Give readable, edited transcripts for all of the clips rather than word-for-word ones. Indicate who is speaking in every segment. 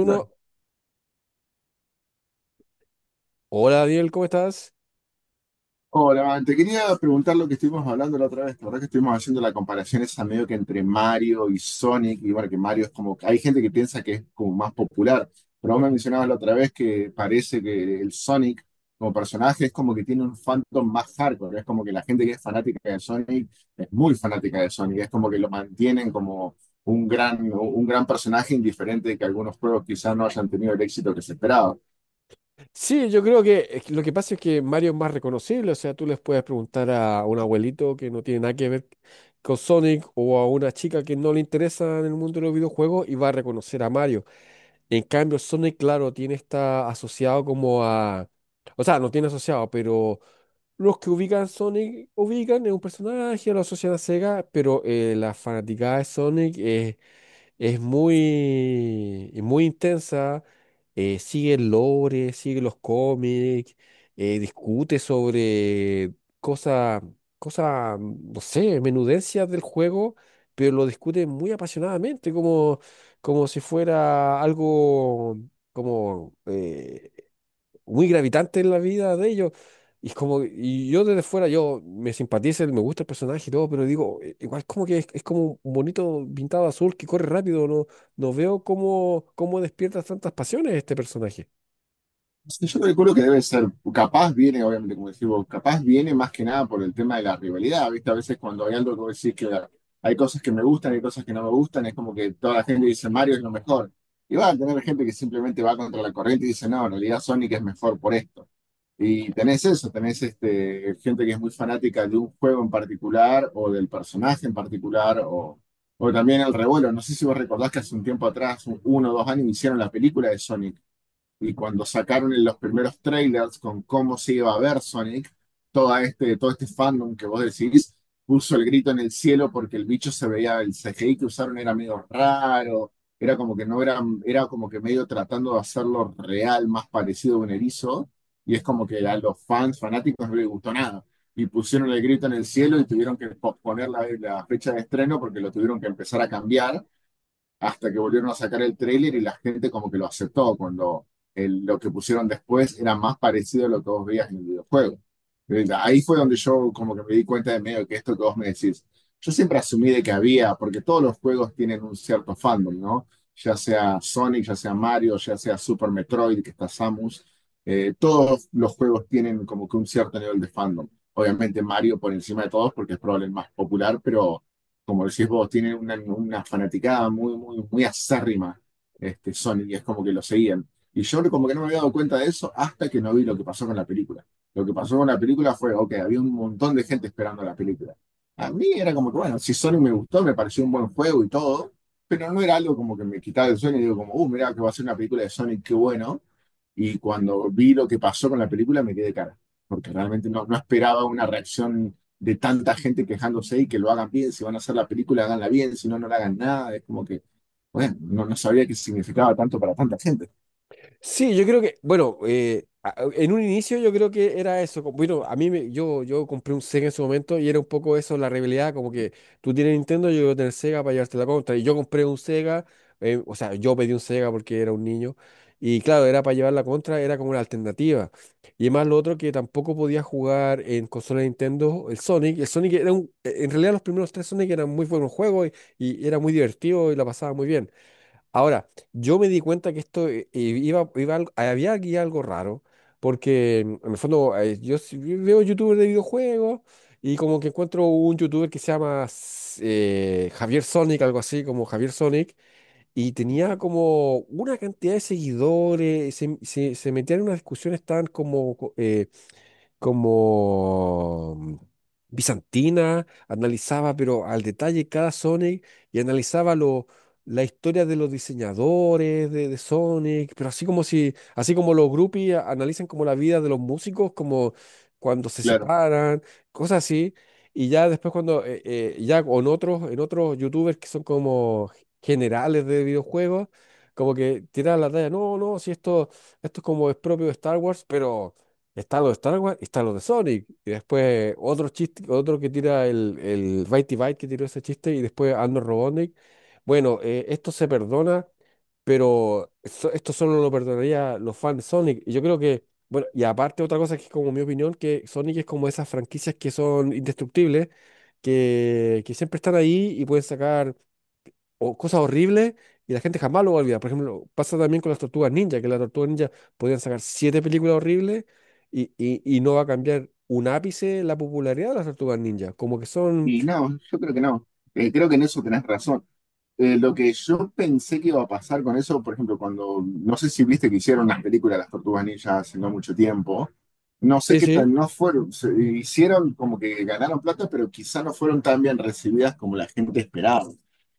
Speaker 1: Dale.
Speaker 2: hola Daniel, ¿cómo estás?
Speaker 1: Hola, man. Te quería preguntar lo que estuvimos hablando la otra vez. La verdad que estuvimos haciendo la comparación esa medio que entre Mario y Sonic. Y bueno, que Mario es como, hay gente que piensa que es como más popular, pero vos me mencionabas la otra vez que parece que el Sonic como personaje es como que tiene un fandom más hardcore. Es como que la gente que es fanática de Sonic es muy fanática de Sonic. Es como que lo mantienen como un gran personaje indiferente de que algunos juegos quizás no hayan tenido el éxito que se esperaba.
Speaker 2: Sí, yo creo que es que lo que pasa es que Mario es más reconocible, o sea, tú les puedes preguntar a un abuelito que no tiene nada que ver con Sonic o a una chica que no le interesa en el mundo de los videojuegos y va a reconocer a Mario. En cambio, Sonic, claro, tiene está asociado como a... O sea, no tiene asociado, pero los que ubican Sonic ubican es un personaje, lo asocian a Sega, pero la fanaticada de Sonic es es muy, muy intensa, sigue el lore, sigue los cómics, discute sobre cosas, cosas, no sé, menudencias del juego, pero lo discute muy apasionadamente, como, como si fuera algo como muy gravitante en la vida de ellos. Y es como, y yo desde fuera, yo me simpatiza, me gusta el personaje y todo, pero digo, igual como que es como un bonito pintado azul que corre rápido, no, no veo cómo, cómo despierta tantas pasiones este personaje.
Speaker 1: Sí, yo calculo que debe ser, capaz viene, obviamente, como decimos, capaz viene más que nada por el tema de la rivalidad, ¿viste? A veces cuando hay algo que vos decís que hay cosas que me gustan, hay cosas que no me gustan, es como que toda la gente dice Mario es lo mejor. Y va a tener gente que simplemente va contra la corriente y dice, no, en realidad Sonic es mejor por esto. Y tenés eso, tenés este, gente que es muy fanática de un juego en particular o del personaje en particular o también el revuelo. No sé si vos recordás que hace un tiempo atrás, 1 o 2 años, hicieron la película de Sonic y cuando sacaron en los primeros trailers con cómo se iba a ver Sonic, todo este fandom que vos decís puso el grito en el cielo porque el bicho se veía, el CGI que usaron era medio raro, era como que no era, era como que medio tratando de hacerlo real, más parecido a un erizo, y es como que a los fans fanáticos no les gustó nada. Y pusieron el grito en el cielo y tuvieron que posponer la fecha de estreno porque lo tuvieron que empezar a cambiar hasta que volvieron a sacar el tráiler y la gente como que lo aceptó cuando lo que pusieron después era más parecido a lo que vos veías en el videojuego. Ahí fue donde yo como que me di cuenta de medio que esto que vos me decís, yo siempre asumí de que había, porque todos los juegos tienen un cierto fandom, ¿no? Ya sea Sonic, ya sea Mario, ya sea Super Metroid, que está Samus, todos los juegos tienen como que un cierto nivel de fandom. Obviamente Mario por encima de todos porque es probablemente el más popular, pero como decís vos, tienen una, fanaticada muy, muy, muy acérrima, este, Sony, y es como que lo seguían. Y yo como que no me había dado cuenta de eso hasta que no vi lo que pasó con la película. Lo que pasó con la película fue, ok, había un montón de gente esperando la película. A mí era como que, bueno, si Sony me gustó, me pareció un buen juego y todo, pero no era algo como que me quitaba el sueño y digo como, mirá que va a ser una película de Sonic, qué bueno. Y cuando vi lo que pasó con la película me quedé de cara, porque realmente no esperaba una reacción de tanta gente quejándose y que lo hagan bien, si van a hacer la película, háganla bien, si no, no la hagan nada. Es como que, bueno, no sabía que significaba tanto para tanta gente,
Speaker 2: Sí, yo creo que, bueno, en un inicio yo creo que era eso. Bueno, yo compré un Sega en su momento y era un poco eso, la rivalidad, como que tú tienes Nintendo, yo quiero tener Sega para llevarte la contra. Y yo compré un Sega, o sea, yo pedí un Sega porque era un niño. Y claro, era para llevar la contra, era como una alternativa. Y además lo otro que tampoco podía jugar en consola de Nintendo, el Sonic. El Sonic era un, en realidad los primeros tres Sonic eran muy buenos juegos y era muy divertido y la pasaba muy bien. Ahora, yo me di cuenta que esto había aquí algo raro, porque en el fondo yo sí veo youtubers de videojuegos y como que encuentro un youtuber que se llama Javier Sonic, algo así como Javier Sonic, y tenía como una cantidad de seguidores, se metía en unas discusiones tan como como bizantina, analizaba pero al detalle cada Sonic y analizaba lo, la historia de los diseñadores de Sonic, pero así como si, así como los groupies analizan como la vida de los músicos, como cuando se
Speaker 1: claro.
Speaker 2: separan, cosas así. Y ya después cuando, ya con otros, en otros youtubers que son como generales de videojuegos, como que tiran la talla, no, no, si esto, esto es como es propio de Star Wars, pero está lo de Star Wars y está lo de Sonic. Y después otro chiste, otro que tira el Bitey Byte que tiró ese chiste y después Arnold Robotnik. Bueno, esto se perdona, pero esto solo lo perdonaría los fans de Sonic. Y yo creo que, bueno, y aparte otra cosa que es como mi opinión, que Sonic es como esas franquicias que son indestructibles, que siempre están ahí y pueden sacar o cosas horribles y la gente jamás lo va a olvidar. Por ejemplo, pasa también con las tortugas ninja, que las tortugas ninja podían sacar siete películas horribles y no va a cambiar un ápice la popularidad de las tortugas ninja. Como que son...
Speaker 1: Y no, yo creo que no. Creo que en eso tenés razón. Lo que yo pensé que iba a pasar con eso, por ejemplo, cuando, no sé si viste que hicieron las películas de Las Tortugas Ninja hace no mucho tiempo, no sé
Speaker 2: Sí,
Speaker 1: qué
Speaker 2: sí.
Speaker 1: tal, no fueron, hicieron como que ganaron plata, pero quizá no fueron tan bien recibidas como la gente esperaba.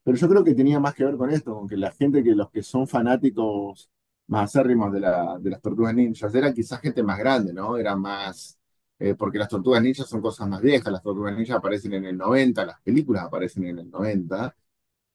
Speaker 1: Pero yo creo que tenía más que ver con esto, con que la gente, que los que son fanáticos más acérrimos de, la, de las Tortugas Ninjas, era quizás gente más grande, ¿no? Era más, porque las Tortugas Ninjas son cosas más viejas, las Tortugas Ninjas aparecen en el 90, las películas aparecen en el 90.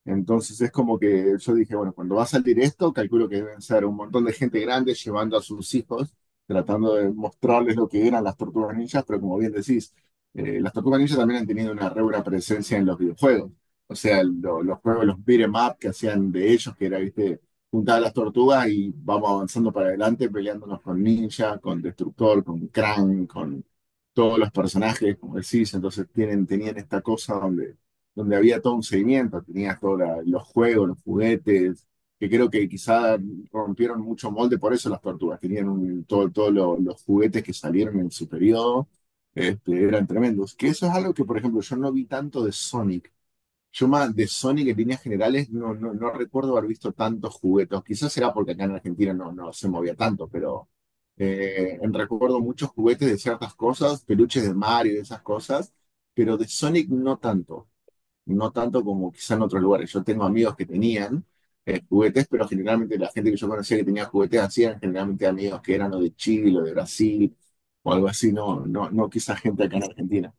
Speaker 1: Entonces es como que yo dije, bueno, cuando va a salir esto, calculo que deben ser un montón de gente grande llevando a sus hijos, tratando de mostrarles lo que eran las tortugas ninjas, pero como bien decís, las tortugas ninjas también han tenido una re buena presencia en los videojuegos. O sea, los juegos, los beat 'em up que hacían de ellos, que era, viste, juntar a las tortugas y vamos avanzando para adelante, peleándonos con Ninja, con Destructor, con Krang, con todos los personajes, como decís. Entonces tienen, tenían esta cosa donde donde había todo un seguimiento, tenías todos los juegos, los juguetes, que creo que quizá rompieron mucho molde, por eso las tortugas, tenían todo, todos los juguetes que salieron en su periodo, este, eran tremendos. Que eso es algo que, por ejemplo, yo no vi tanto de Sonic. Yo más de Sonic en líneas generales no recuerdo haber visto tantos juguetes. Quizás será porque acá en Argentina no se movía tanto, pero recuerdo muchos juguetes de ciertas cosas, peluches de Mario y esas cosas, pero de Sonic no tanto no tanto como quizá en otros lugares. Yo tengo amigos que tenían juguetes, pero generalmente la gente que yo conocía que tenía juguetes hacían generalmente amigos que eran o de Chile o de Brasil o algo así, no quizá gente acá en Argentina.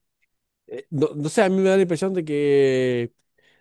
Speaker 2: no, no sé, a mí me da la impresión de que...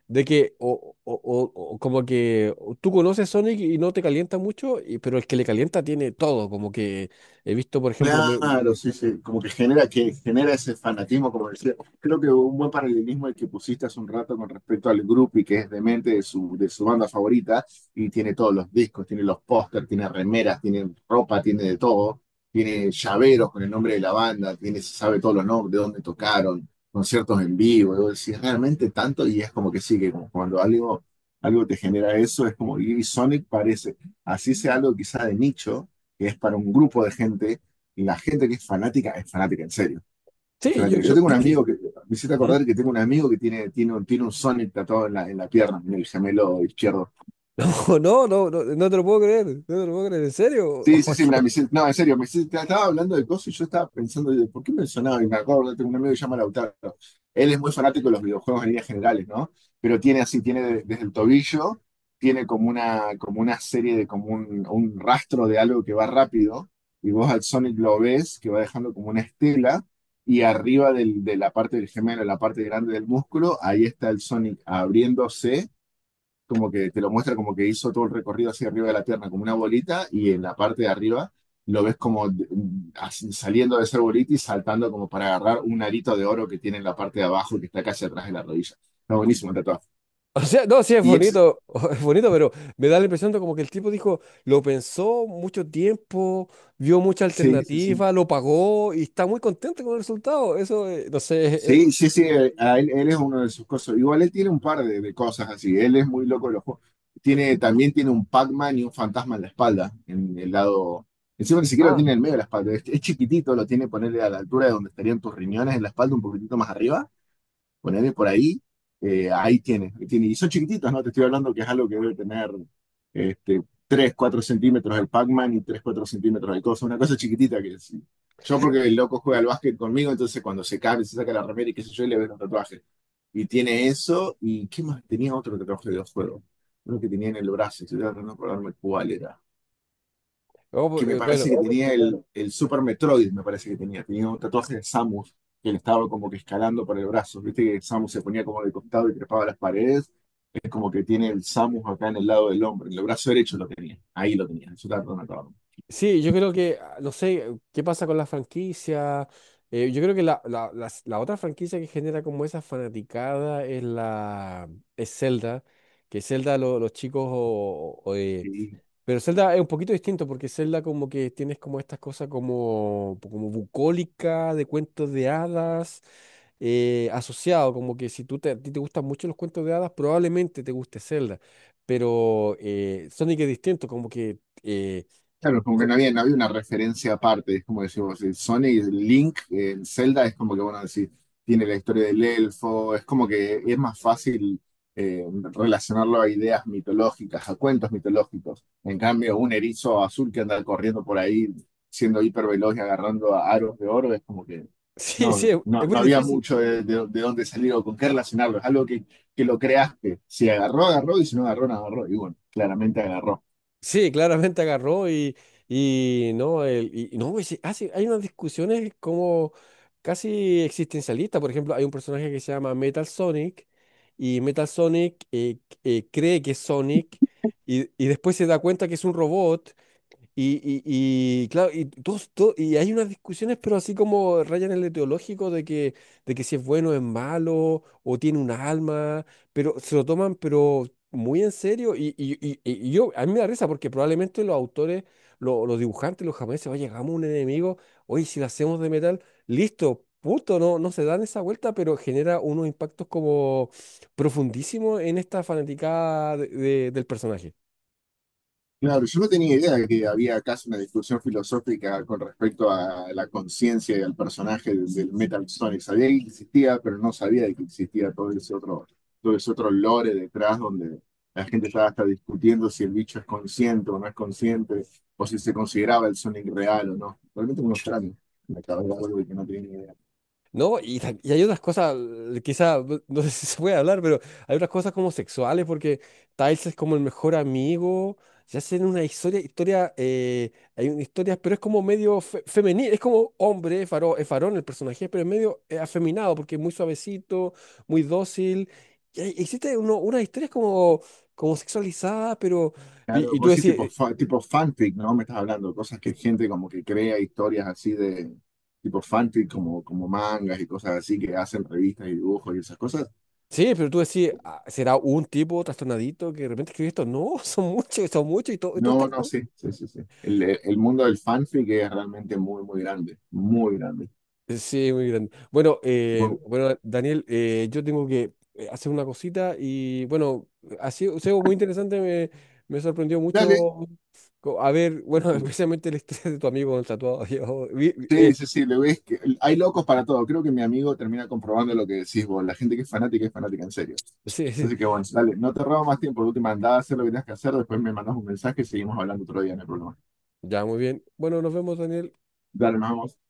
Speaker 2: De que, o como que tú conoces Sonic y no te calienta mucho, pero el que le calienta tiene todo. Como que he visto, por ejemplo, me-
Speaker 1: Claro, sí, sí, como que genera ese fanatismo, como decía. Creo que un buen paralelismo el que pusiste hace un rato con respecto al Groupie, que es demente de su, banda favorita, y tiene todos los discos, tiene los pósters, tiene remeras, tiene ropa, tiene de todo, tiene llaveros con el nombre de la banda, tiene, se sabe todos los nombres, de dónde tocaron, conciertos en vivo, y vos decís, realmente tanto, y es como que sí, que como cuando algo, algo te genera eso, es como, y Sonic parece, así sea algo quizá de nicho, que es para un grupo de gente la gente que es fanática, en serio. Es
Speaker 2: sí, yo
Speaker 1: fanática. Yo
Speaker 2: creo.
Speaker 1: tengo un amigo que, me hiciste
Speaker 2: ¿Mm?
Speaker 1: acordar que tengo un amigo que tiene un Sonic tatuado en la, pierna, en el gemelo izquierdo.
Speaker 2: No, no, no, no te lo puedo creer, no te lo puedo creer, ¿en serio?
Speaker 1: Sí, sí, sí, mira, no, en serio, estaba hablando de cosas y yo estaba pensando, digo, ¿por qué me sonaba? Y me acuerdo, tengo un amigo que se llama Lautaro. Él es muy fanático de los videojuegos en líneas generales, ¿no? Pero tiene así, tiene desde el tobillo, tiene como una serie de, como un rastro de algo que va rápido, y vos al Sonic lo ves, que va dejando como una estela, y arriba de la parte del gemelo, la parte grande del músculo, ahí está el Sonic abriéndose como que te lo muestra como que hizo todo el recorrido hacia arriba de la Tierra, como una bolita, y en la parte de arriba lo ves como así, saliendo de esa bolita y saltando como para agarrar un arito de oro que tiene en la parte de abajo que está casi atrás de la rodilla. Está buenísimo el tatuaje.
Speaker 2: O sea, no, sí, es
Speaker 1: Y es,
Speaker 2: bonito, es bonito, pero me da la impresión de como que el tipo dijo, lo pensó mucho tiempo, vio mucha
Speaker 1: sí, sí, sí.
Speaker 2: alternativa, lo pagó y está muy contento con el resultado. Eso, no sé,
Speaker 1: Sí, sí, sí. Él es uno de sus cosas. Igual él tiene un par de cosas así. Él es muy loco de los juegos. También tiene un Pac-Man y un fantasma en la espalda, en el lado. Encima ni siquiera lo
Speaker 2: ah,
Speaker 1: tiene en el medio de la espalda. Es chiquitito, lo tiene ponerle a la altura de donde estarían tus riñones en la espalda, un poquitito más arriba. Ponele por ahí, ahí tiene, ahí tiene. Y son chiquititos, ¿no? Te estoy hablando que es algo que debe tener este, 3 4 centímetros el Pac-Man y 3 4 centímetros el coso, una cosa chiquitita que es. Sí. Yo porque el loco juega al básquet conmigo, entonces cuando se cae, se saca la remera y qué sé yo, y le veo un tatuaje. Y tiene eso, y ¿qué más? Tenía otro tatuaje de juego, uno que tenía en el brazo, estoy tratando de acordarme cuál era
Speaker 2: oh,
Speaker 1: que me
Speaker 2: bueno,
Speaker 1: parece que tenía el, Super Metroid, me parece que tenía. Tenía un tatuaje de Samus, que él estaba como que escalando por el brazo. Viste que Samus se ponía como de costado y trepaba las paredes. Es como que tiene el Samus acá en el lado del hombro. En el brazo derecho lo tenía. Ahí lo tenía. Eso estaba
Speaker 2: sí, yo creo que, no sé, qué pasa con la franquicia. Yo creo que la otra franquicia que genera como esa fanaticada es la, es Zelda, que Zelda los chicos
Speaker 1: todo.
Speaker 2: pero Zelda es un poquito distinto porque Zelda como que tienes como estas cosas como, como bucólica, de cuentos de hadas, asociado, como que si a ti te gustan mucho los cuentos de hadas, probablemente te guste Zelda. Pero Sonic es distinto, como que...
Speaker 1: Claro, como que
Speaker 2: co-
Speaker 1: no había una referencia aparte, es como decir, vos, el Sonic, el Link, el Zelda es como que, bueno, decir, tiene la historia del elfo, es como que es más fácil eh, relacionarlo a ideas mitológicas, a cuentos mitológicos. En cambio, un erizo azul que anda corriendo por ahí, siendo hiperveloz y agarrando a aros de oro, es como que
Speaker 2: sí, sí,
Speaker 1: no, no,
Speaker 2: es muy
Speaker 1: no había
Speaker 2: difícil.
Speaker 1: mucho de dónde salir o con qué relacionarlo, es algo que lo creaste. Si agarró, agarró, y si no agarró, no agarró. Y bueno, claramente agarró.
Speaker 2: Sí, claramente agarró y no, el, y no, hay unas discusiones como casi existencialistas. Por ejemplo, hay un personaje que se llama Metal Sonic y Metal Sonic cree que es Sonic y después se da cuenta que es un robot y, claro, y, y hay unas discusiones, pero así como rayan en lo teológico de que si es bueno o es malo, o tiene un alma, pero se lo toman pero muy en serio. Y yo, a mí me da risa porque probablemente los autores, los dibujantes, los japoneses, oye, hagamos un enemigo, oye, si lo hacemos de metal, listo, punto, no, no se dan esa vuelta, pero genera unos impactos como profundísimos en esta fanaticada del personaje.
Speaker 1: Claro, yo no tenía idea de que había casi una discusión filosófica con respecto a la conciencia y al personaje del Metal Sonic. Sabía que existía, pero no sabía de que existía todo ese otro lore detrás donde la gente estaba hasta discutiendo si el bicho es consciente o no es consciente, o si se consideraba el Sonic real o no. Realmente un extraño. Me acabé de dar algo de que no tenía ni idea.
Speaker 2: No, y hay otras cosas, quizá, no sé si se puede hablar, pero hay otras cosas como sexuales, porque Tiles es como el mejor amigo, se hacen una historia, historia, hay una historia, pero es como medio femenil, es como hombre, es es varón el personaje, pero es medio afeminado, porque es muy suavecito, muy dócil, existe uno, unas historias como, como sexualizadas, pero,
Speaker 1: Claro,
Speaker 2: y tú
Speaker 1: vos sí,
Speaker 2: decís...
Speaker 1: tipo, tipo fanfic, ¿no? Me estás hablando, cosas que
Speaker 2: eh,
Speaker 1: gente como que crea historias así de tipo fanfic, como, como mangas y cosas así, que hacen revistas y dibujos y esas cosas.
Speaker 2: sí, pero tú decís, "Ah, ¿será un tipo trastornadito que de repente escribe esto? No, son muchos y, y todos
Speaker 1: No,
Speaker 2: están
Speaker 1: no, sí, sí, sí, sí. el, mundo del fanfic es realmente muy, muy grande, muy grande.
Speaker 2: sí, muy grande. Bueno,
Speaker 1: Muy-
Speaker 2: bueno, Daniel, yo tengo que hacer una cosita y bueno, ha sido muy interesante, me sorprendió
Speaker 1: Dale.
Speaker 2: mucho a ver, bueno, especialmente el estrés de tu amigo con el tatuado. yo
Speaker 1: Sí, sí, sí, le ves que hay locos para todo. Creo que mi amigo termina comprobando lo que decís vos. La gente que es fanática en serio.
Speaker 2: sí, sí,
Speaker 1: Así que bueno, dale, no te robo más tiempo. De última, andá a hacer lo que tengas que hacer. Después me mandas un mensaje y seguimos hablando otro día, no hay problema.
Speaker 2: ya, muy bien. Bueno, nos vemos, Daniel.
Speaker 1: Dale, nos vemos.